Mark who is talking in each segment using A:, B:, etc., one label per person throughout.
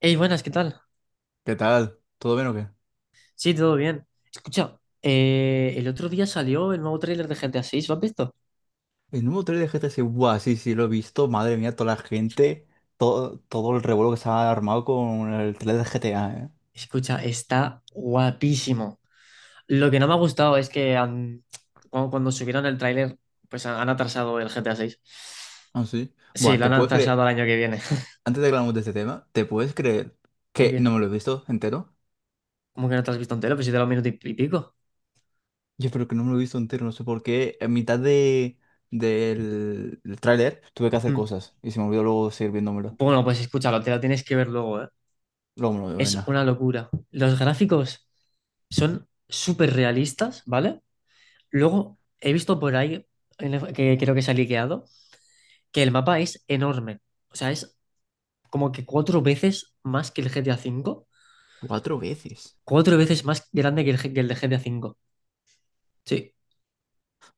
A: Hey, buenas, ¿qué tal?
B: ¿Qué tal? ¿Todo bien o qué?
A: Sí, todo bien. Escucha, el otro día salió el nuevo tráiler de GTA 6, ¿lo has visto?
B: El número 3 de GTC, buah, sí, sí, lo he visto. Madre mía, toda la gente, todo el revuelo que se ha armado con el 3 de GTA, ¿eh?
A: Escucha, está guapísimo. Lo que no me ha gustado es que cuando subieron el tráiler, pues han atrasado el GTA 6.
B: Ah, sí.
A: Sí,
B: Buah,
A: lo
B: ¿te
A: han
B: puedes
A: atrasado
B: creer?
A: al año que viene.
B: Antes de que hablamos de este tema, ¿te puedes creer
A: ¿Qué,
B: que
A: qué?
B: no me lo he visto entero?
A: ¿Cómo que no te lo has visto entero? Pues si te lo minuto y pico.
B: Yo creo que no me lo he visto entero, no sé por qué. En mitad de, del del tráiler tuve que hacer
A: Mm.
B: cosas y se me olvidó luego seguir viéndomelo.
A: Bueno, pues escúchalo, te lo tienes que ver luego, ¿eh?
B: Luego me lo veo,
A: Es
B: venga.
A: una locura. Los gráficos son súper realistas, ¿vale? Luego he visto por ahí, que creo que se ha liqueado, que el mapa es enorme. O sea, es como que cuatro veces más que el GTA 5.
B: Cuatro veces.
A: Cuatro veces más grande que que el de GTA 5. Sí.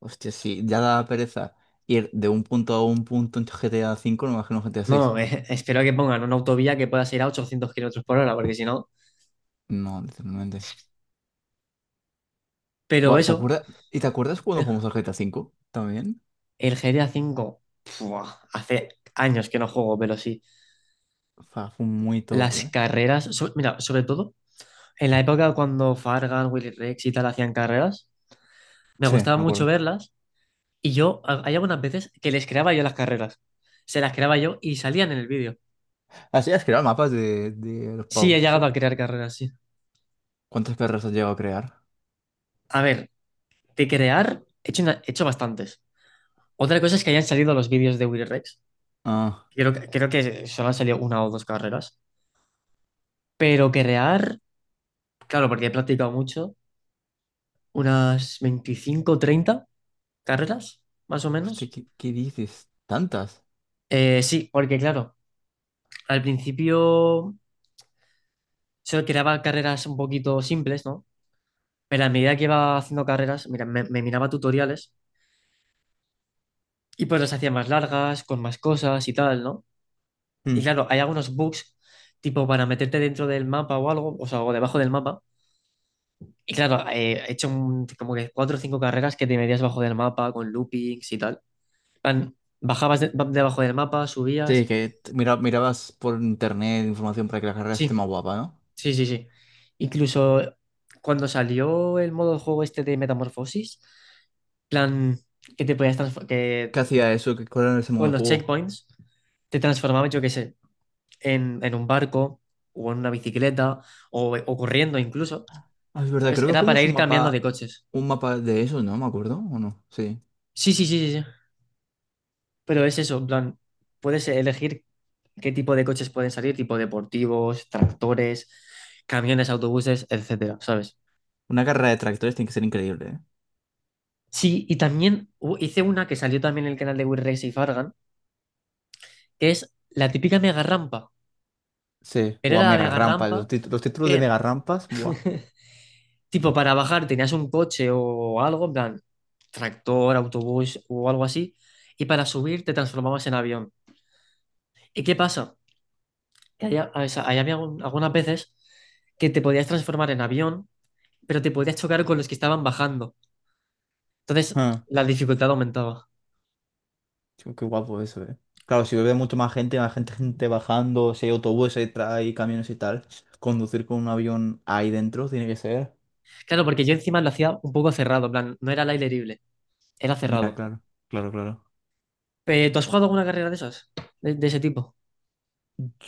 B: Hostia, sí, ya da pereza ir de un punto a un punto en GTA V, no me imagino GTA VI.
A: No, espero que pongan una autovía que pueda ir a 800 kilómetros por hora, porque si no.
B: No, literalmente.
A: Pero
B: Bueno, ¿te
A: eso,
B: acuerdas? ¿Y te acuerdas cuando
A: eh,
B: jugamos al GTA 5 también.
A: el GTA 5, ¡fua! Hace años que no juego, pero sí.
B: Fue muy top,
A: Las
B: ¿eh?
A: carreras, mira, sobre todo en la época cuando Fargan, Willy Rex y tal hacían carreras, me
B: Sí, me
A: gustaba mucho
B: acuerdo.
A: verlas. Y yo, hay algunas veces que les creaba yo las carreras. Se las creaba yo y salían en el vídeo.
B: Así, ¿hacías crear mapas de los
A: Sí, he
B: pavos
A: llegado a
B: esos?
A: crear carreras, sí.
B: ¿Cuántas perras has llegado a crear?
A: A ver, de crear, he hecho bastantes. Otra cosa es que hayan salido los vídeos de Will Rex.
B: Ah,
A: Creo que solo han salido una o dos carreras. Pero crear, claro, porque he practicado mucho, unas 25, 30 carreras, más o
B: hostia,
A: menos.
B: ¿qué dices? ¿Tantas?
A: Sí, porque claro, al principio solo creaba carreras un poquito simples, ¿no? Pero a medida que iba haciendo carreras, mira, me miraba tutoriales y pues las hacía más largas, con más cosas y tal, ¿no? Y
B: Mm.
A: claro, hay algunos bugs, tipo para meterte dentro del mapa o algo, o sea, o debajo del mapa. Y claro, he hecho como que cuatro o cinco carreras que te metías debajo del mapa con loopings y tal. En plan, bajabas debajo del mapa, subías.
B: Sí, mira, mirabas por internet información para que la carrera esté
A: Sí,
B: más guapa, ¿no?
A: sí, sí, sí. Incluso cuando salió el modo de juego este de Metamorfosis, plan que te podías transformar,
B: ¿Qué hacía eso? ¿Cuál era ese modo
A: con
B: de
A: los
B: juego?
A: checkpoints, te transformabas, yo qué sé, en un barco o en una bicicleta o corriendo incluso,
B: Ah, es verdad,
A: ¿sabes?
B: creo que
A: Era para
B: jugamos un
A: ir cambiando de
B: mapa,
A: coches.
B: un mapa de eso, ¿no? ¿Me acuerdo? ¿O no? Sí.
A: Sí, sí, sí, sí, sí. Pero es eso, en plan, puedes elegir qué tipo de coches pueden salir, tipo deportivos, tractores, camiones, autobuses, etcétera, ¿sabes?
B: Una carrera de tractores tiene que ser increíble, ¿eh?
A: Sí, y también hice una que salió también en el canal de Will Race y Fargan, que es la típica mega rampa.
B: Sí,
A: Pero
B: buah,
A: era la
B: mega
A: mega
B: rampa. Los,
A: rampa
B: tit- los títulos de
A: que
B: mega rampas, buah.
A: Tipo, para bajar tenías un coche o algo, en plan, tractor, autobús o algo así, y para subir te transformabas en avión. ¿Y qué pasa? Que allá, o sea, ahí había algunas veces que te podías transformar en avión, pero te podías chocar con los que estaban bajando. Entonces,
B: Ah,
A: la dificultad aumentaba.
B: tío, qué guapo eso, eh. Claro, si bebe mucho más gente bajando, si hay autobuses, hay camiones y tal, conducir con un avión ahí dentro tiene que ser.
A: Claro, porque yo encima lo hacía un poco cerrado, en plan, no era al aire libre, era
B: Ya,
A: cerrado.
B: claro, claro, claro.
A: ¿Tú has jugado alguna carrera de esas? ¿De ese tipo?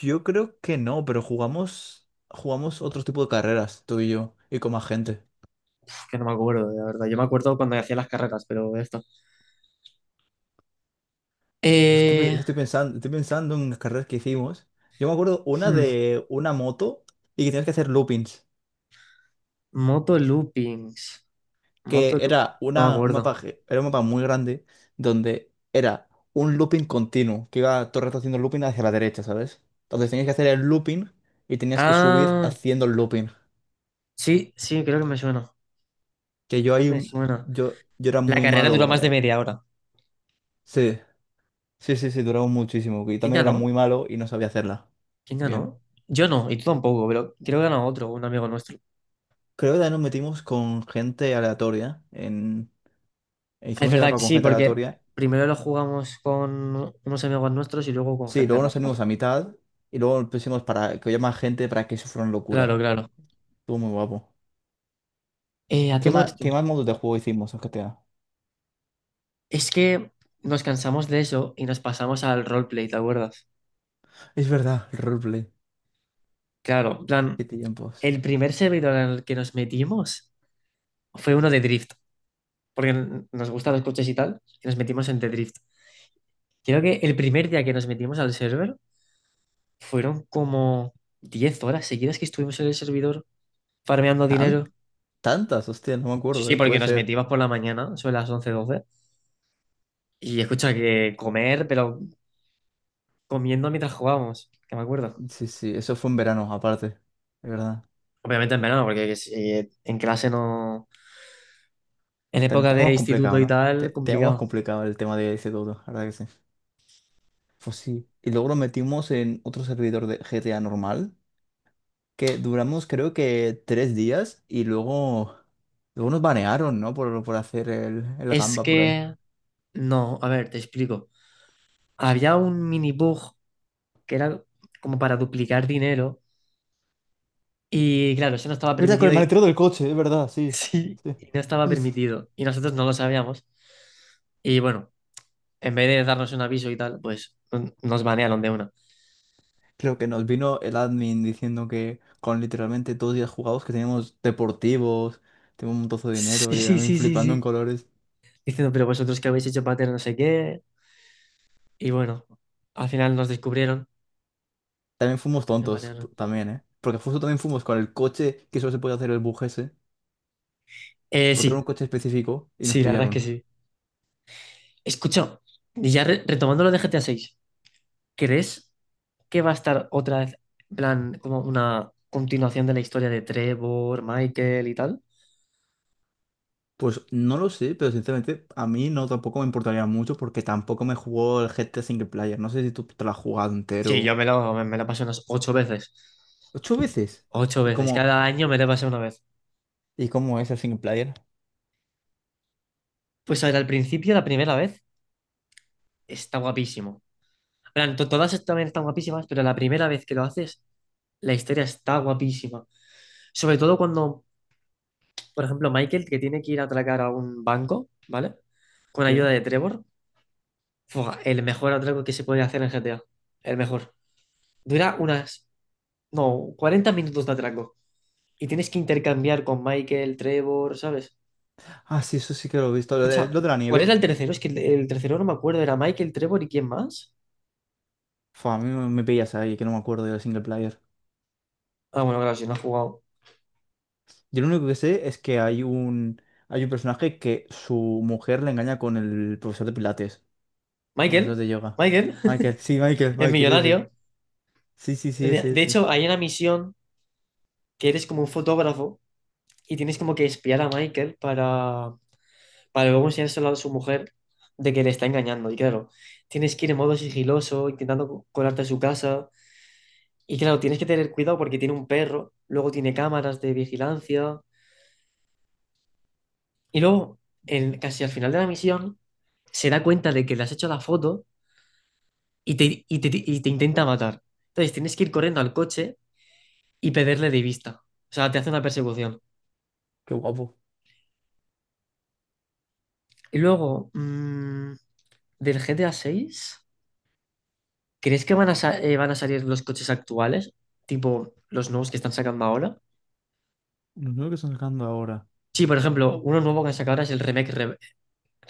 B: Yo creo que no, pero jugamos otro tipo de carreras, tú y yo, y con más gente.
A: Que no me acuerdo, la verdad. Yo me acuerdo cuando hacía las carreras, pero esto.
B: Estoy, pe-
A: Eh,
B: estoy pensando, estoy pensando en las carreras que hicimos. Yo me acuerdo una
A: hmm.
B: de una moto y que tienes que hacer loopings.
A: Moto loopings.
B: que
A: Moto loop-
B: era,
A: No me
B: una, un mapa,
A: acuerdo.
B: ge- era un mapa muy grande donde era un looping continuo, que iba todo el rato haciendo looping hacia la derecha, ¿sabes? Entonces tenías que hacer el looping y tenías que subir
A: Ah,
B: haciendo el looping.
A: sí, sí, creo que me suena.
B: Que yo
A: Creo
B: ahí,
A: que me suena.
B: yo, yo era
A: La
B: muy
A: carrera duró
B: malo,
A: más de
B: eh.
A: media hora.
B: Sí, sí, sí, sí, duraba muchísimo. Y
A: ¿Quién
B: también era
A: ganó?
B: muy malo y no sabía hacerla.
A: ¿Quién
B: Bien.
A: ganó? Yo no, y tú tampoco, pero creo que ganó otro, un amigo nuestro.
B: Creo que también nos metimos con gente aleatoria. En... e
A: Es
B: Hicimos el
A: verdad
B: mapa
A: que
B: con
A: sí,
B: gente
A: porque
B: aleatoria.
A: primero lo jugamos con unos amigos nuestros y luego con
B: Sí,
A: gente
B: luego nos
A: random.
B: salimos a mitad y luego pusimos para que haya más gente para que eso fuera una
A: Claro,
B: locura.
A: claro.
B: Estuvo muy guapo.
A: A
B: ¿Qué
A: todo
B: más,
A: esto,
B: qué más modos de juego hicimos en GTA?
A: es que nos cansamos de eso y nos pasamos al roleplay, ¿te acuerdas?
B: Es verdad, el roleplay.
A: Claro, en plan,
B: ¿Qué tiempos?
A: el primer servidor en el que nos metimos fue uno de Drift. Porque nos gustan los coches y tal, y nos metimos en The Drift. Creo que el primer día que nos metimos al server fueron como 10 horas seguidas que estuvimos en el servidor farmeando
B: ¿Tan?
A: dinero.
B: Tantas, hostia, no me
A: Sí,
B: acuerdo,
A: sí,
B: ¿eh?
A: porque
B: Puede
A: nos
B: ser.
A: metimos por la mañana, sobre las 11 12 y escucha que comer, pero comiendo mientras jugábamos, que me acuerdo.
B: Sí, sí, eso fue en verano, aparte. Es verdad.
A: Obviamente en verano, porque si en clase no. En
B: Te-
A: época de
B: Tenemos
A: instituto
B: complicado,
A: y
B: ¿no?
A: tal,
B: Tenemos
A: complicado.
B: complicado el tema de ese todo, la verdad que sí. Pues sí. Y luego lo metimos en otro servidor de GTA normal, que duramos creo que 3 días y luego nos banearon, ¿no? Por hacer el
A: Es
B: gamba por ahí. Es
A: que no, a ver, te explico. Había un mini bug que era como para duplicar dinero. Y claro, eso no estaba
B: verdad, con
A: permitido
B: el
A: y
B: maletero del coche, es verdad, sí.
A: sí,
B: Sí.
A: y no estaba
B: Sí.
A: permitido. Y nosotros no lo sabíamos. Y bueno, en vez de darnos un aviso y tal, pues nos banearon de una.
B: Creo que nos vino el admin diciendo que con literalmente todos los días jugados que teníamos deportivos, teníamos un montozo de
A: Sí,
B: dinero y a
A: sí,
B: mí
A: sí, sí,
B: flipando en
A: sí.
B: colores.
A: Diciendo, pero vosotros que habéis hecho pater no sé qué. Y bueno, al final nos descubrieron
B: También fuimos
A: y nos
B: tontos,
A: banearon.
B: también, ¿eh? Porque justo también fuimos con el coche que solo se podía hacer el bug ese, porque era
A: Sí,
B: un coche específico y nos
A: sí, la verdad es que
B: pillaron.
A: sí. Escucha, y ya retomando lo de GTA 6, ¿crees que va a estar otra vez, en plan, como una continuación de la historia de Trevor, Michael y tal?
B: Pues no lo sé, pero sinceramente a mí no tampoco me importaría mucho porque tampoco me jugó el GTA Single Player. No sé si tú te lo has jugado
A: Sí, yo
B: entero.
A: me lo pasé unas ocho veces.
B: ¿Ocho veces?
A: Ocho
B: ¿Y
A: veces.
B: cómo,
A: Cada año me lo pasé una vez.
B: y cómo es el Single Player?
A: Pues a ver, al principio, la primera vez, está guapísimo. En plan, todas también están guapísimas, pero la primera vez que lo haces, la historia está guapísima. Sobre todo cuando, por ejemplo, Michael, que tiene que ir a atracar a un banco, ¿vale? Con
B: Sí.
A: ayuda de Trevor. Fua, el mejor atraco que se puede hacer en GTA. El mejor. Dura unas, no, 40 minutos de atraco. Y tienes que intercambiar con Michael, Trevor, ¿sabes?
B: Ah, sí, eso sí que lo he visto. Lo de,
A: Escucha,
B: lo de la
A: ¿cuál era
B: nieve.
A: el tercero? Es que el tercero no me acuerdo. ¿Era Michael, Trevor y quién más?
B: Fua, a mí me pillas ahí, que no me acuerdo del single player.
A: Ah, bueno, claro, si no ha jugado.
B: Yo lo único que sé es que hay un personaje que su mujer le engaña con el profesor de Pilates, profesor
A: Michael,
B: de yoga.
A: Michael,
B: Michael, sí, Michael,
A: el
B: Michael, ese.
A: millonario.
B: Sí, sí,
A: De,
B: sí, ese,
A: de
B: ese.
A: hecho, hay una misión que eres como un fotógrafo y tienes como que espiar a Michael para, luego enseñárselo a su mujer de que le está engañando. Y claro, tienes que ir en modo sigiloso, intentando colarte a su casa. Y claro, tienes que tener cuidado porque tiene un perro, luego tiene cámaras de vigilancia. Y luego, casi al final de la misión, se da cuenta de que le has hecho la foto y te intenta matar. Entonces tienes que ir corriendo al coche y perderle de vista. O sea, te hace una persecución.
B: Qué guapo.
A: Y luego, mm, del GTA 6, ¿crees que van a salir los coches actuales? Tipo los nuevos que están sacando ahora.
B: Los nuevos que están sacando ahora.
A: Sí, por ejemplo, uno nuevo que han sacado ahora es el Remake,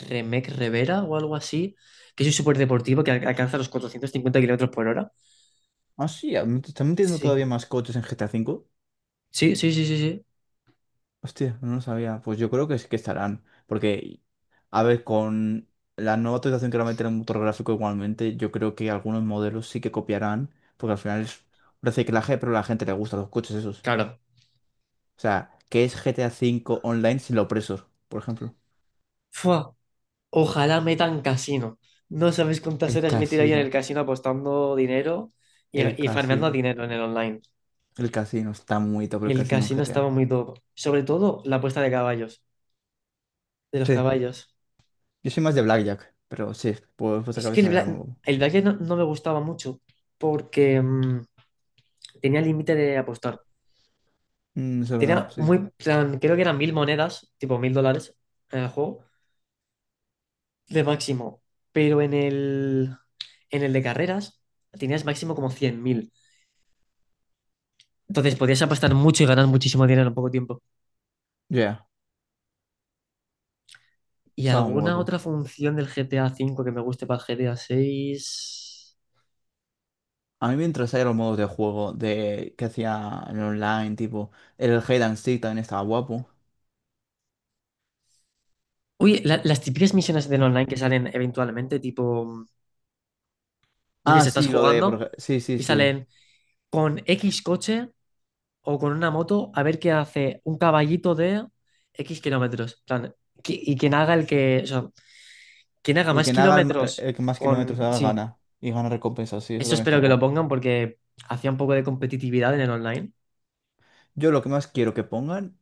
A: Remake Revera o algo así, que es un superdeportivo que alcanza los 450 kilómetros por hora.
B: Ah, sí, me están metiendo
A: Sí.
B: todavía más coches en GTA V.
A: Sí, sí, sí, sí, sí.
B: Hostia, no lo sabía. Pues yo creo que sí que estarán. Porque, a ver, con la nueva actualización que va a meter el motor gráfico igualmente, yo creo que algunos modelos sí que copiarán. Porque al final es un reciclaje, pero a la gente le gustan los coches esos.
A: Claro,
B: O sea, ¿qué es GTA 5 online sin los presos, por ejemplo?
A: fua, ojalá metan casino. No sabes cuántas
B: El
A: horas me he tirado yo en el
B: casino.
A: casino apostando dinero y,
B: El
A: y farmeando
B: casino.
A: dinero en el online.
B: El casino. Está muy top el
A: El
B: casino en
A: casino estaba
B: GTA.
A: muy top. Sobre todo la apuesta de caballos, de los
B: Sí.
A: caballos.
B: Yo soy más de Blackjack, pero sí, pues esa
A: Es que
B: cabeza me era muy guapo.
A: el blackjack no me gustaba mucho porque tenía límite de apostar.
B: Eso es verdad,
A: Tenía
B: sí.
A: muy plan, creo que eran 1.000 monedas, tipo $1.000 en el juego, de máximo. Pero en el de carreras tenías máximo como 100.000. Entonces podías apostar mucho y ganar muchísimo dinero en poco tiempo.
B: Ya,
A: ¿Y
B: estaba muy
A: alguna
B: guapo.
A: otra función del GTA 5 que me guste para el GTA VI?
B: A mí me interesaban los modos de juego de que hacía en online, tipo el Hide and Seek también estaba guapo.
A: Uy, las típicas misiones del online que salen eventualmente, tipo, yo qué
B: Ah,
A: sé, estás
B: sí, lo de por
A: jugando
B: ej- sí, sí,
A: y
B: sí.
A: salen con X coche o con una moto a ver qué hace un caballito de X kilómetros. En plan, y quien haga el que, o sea, quien haga
B: Y
A: más
B: quien haga el, ma- el-
A: kilómetros
B: el que más kilómetros
A: con.
B: haga
A: Sí,
B: gana y gana recompensas, sí, eso
A: eso
B: también está
A: espero que lo
B: guapo.
A: pongan porque hacía un poco de competitividad en el online.
B: Yo lo que más quiero que pongan,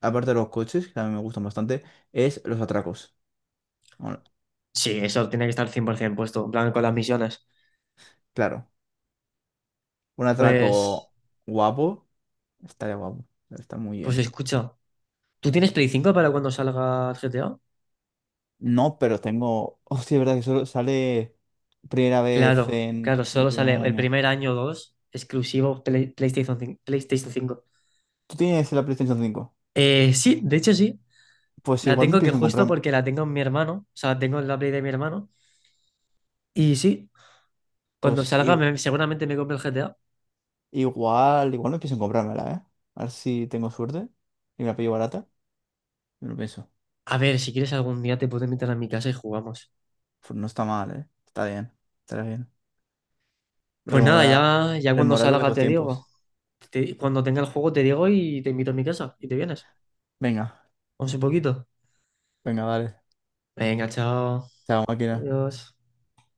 B: aparte de los coches, que a mí me gustan bastante, es los atracos. Bueno,
A: Sí, eso tiene que estar 100% puesto, en plan con las misiones.
B: claro, un
A: Pues,
B: atraco guapo estaría guapo, está muy
A: pues
B: bien.
A: escucha, ¿tú tienes Play 5 para cuando salga GTA?
B: No, pero tengo, hostia, es verdad que solo sale primera vez
A: Claro,
B: en
A: claro,
B: el
A: solo
B: primer
A: sale el
B: año.
A: primer año o dos, exclusivo PlayStation 5. PlayStation 5.
B: Tú tienes la PlayStation 5.
A: Sí, de hecho sí,
B: Pues
A: la
B: igual me
A: tengo, que
B: pienso en
A: justo
B: comprarme.
A: porque la tengo en mi hermano, o sea, tengo la Play de mi hermano. Y sí, cuando
B: Pues
A: salga
B: i-
A: seguramente me compro el GTA.
B: igual, igual me pienso en comprármela, ¿eh? A ver si tengo suerte y me la pillo barata. Me lo pienso.
A: A ver, si quieres algún día te puedo invitar a mi casa y jugamos.
B: Pues no está mal, ¿eh? Está bien. Estará bien.
A: Pues nada,
B: Remover,
A: ya cuando
B: rememorar los
A: salga
B: viejos
A: te digo.
B: tiempos.
A: Cuando tenga el juego te digo y te invito a mi casa y te vienes.
B: Venga,
A: Vamos un poquito.
B: venga, dale.
A: Venga, chao.
B: Chao, máquina.
A: Adiós.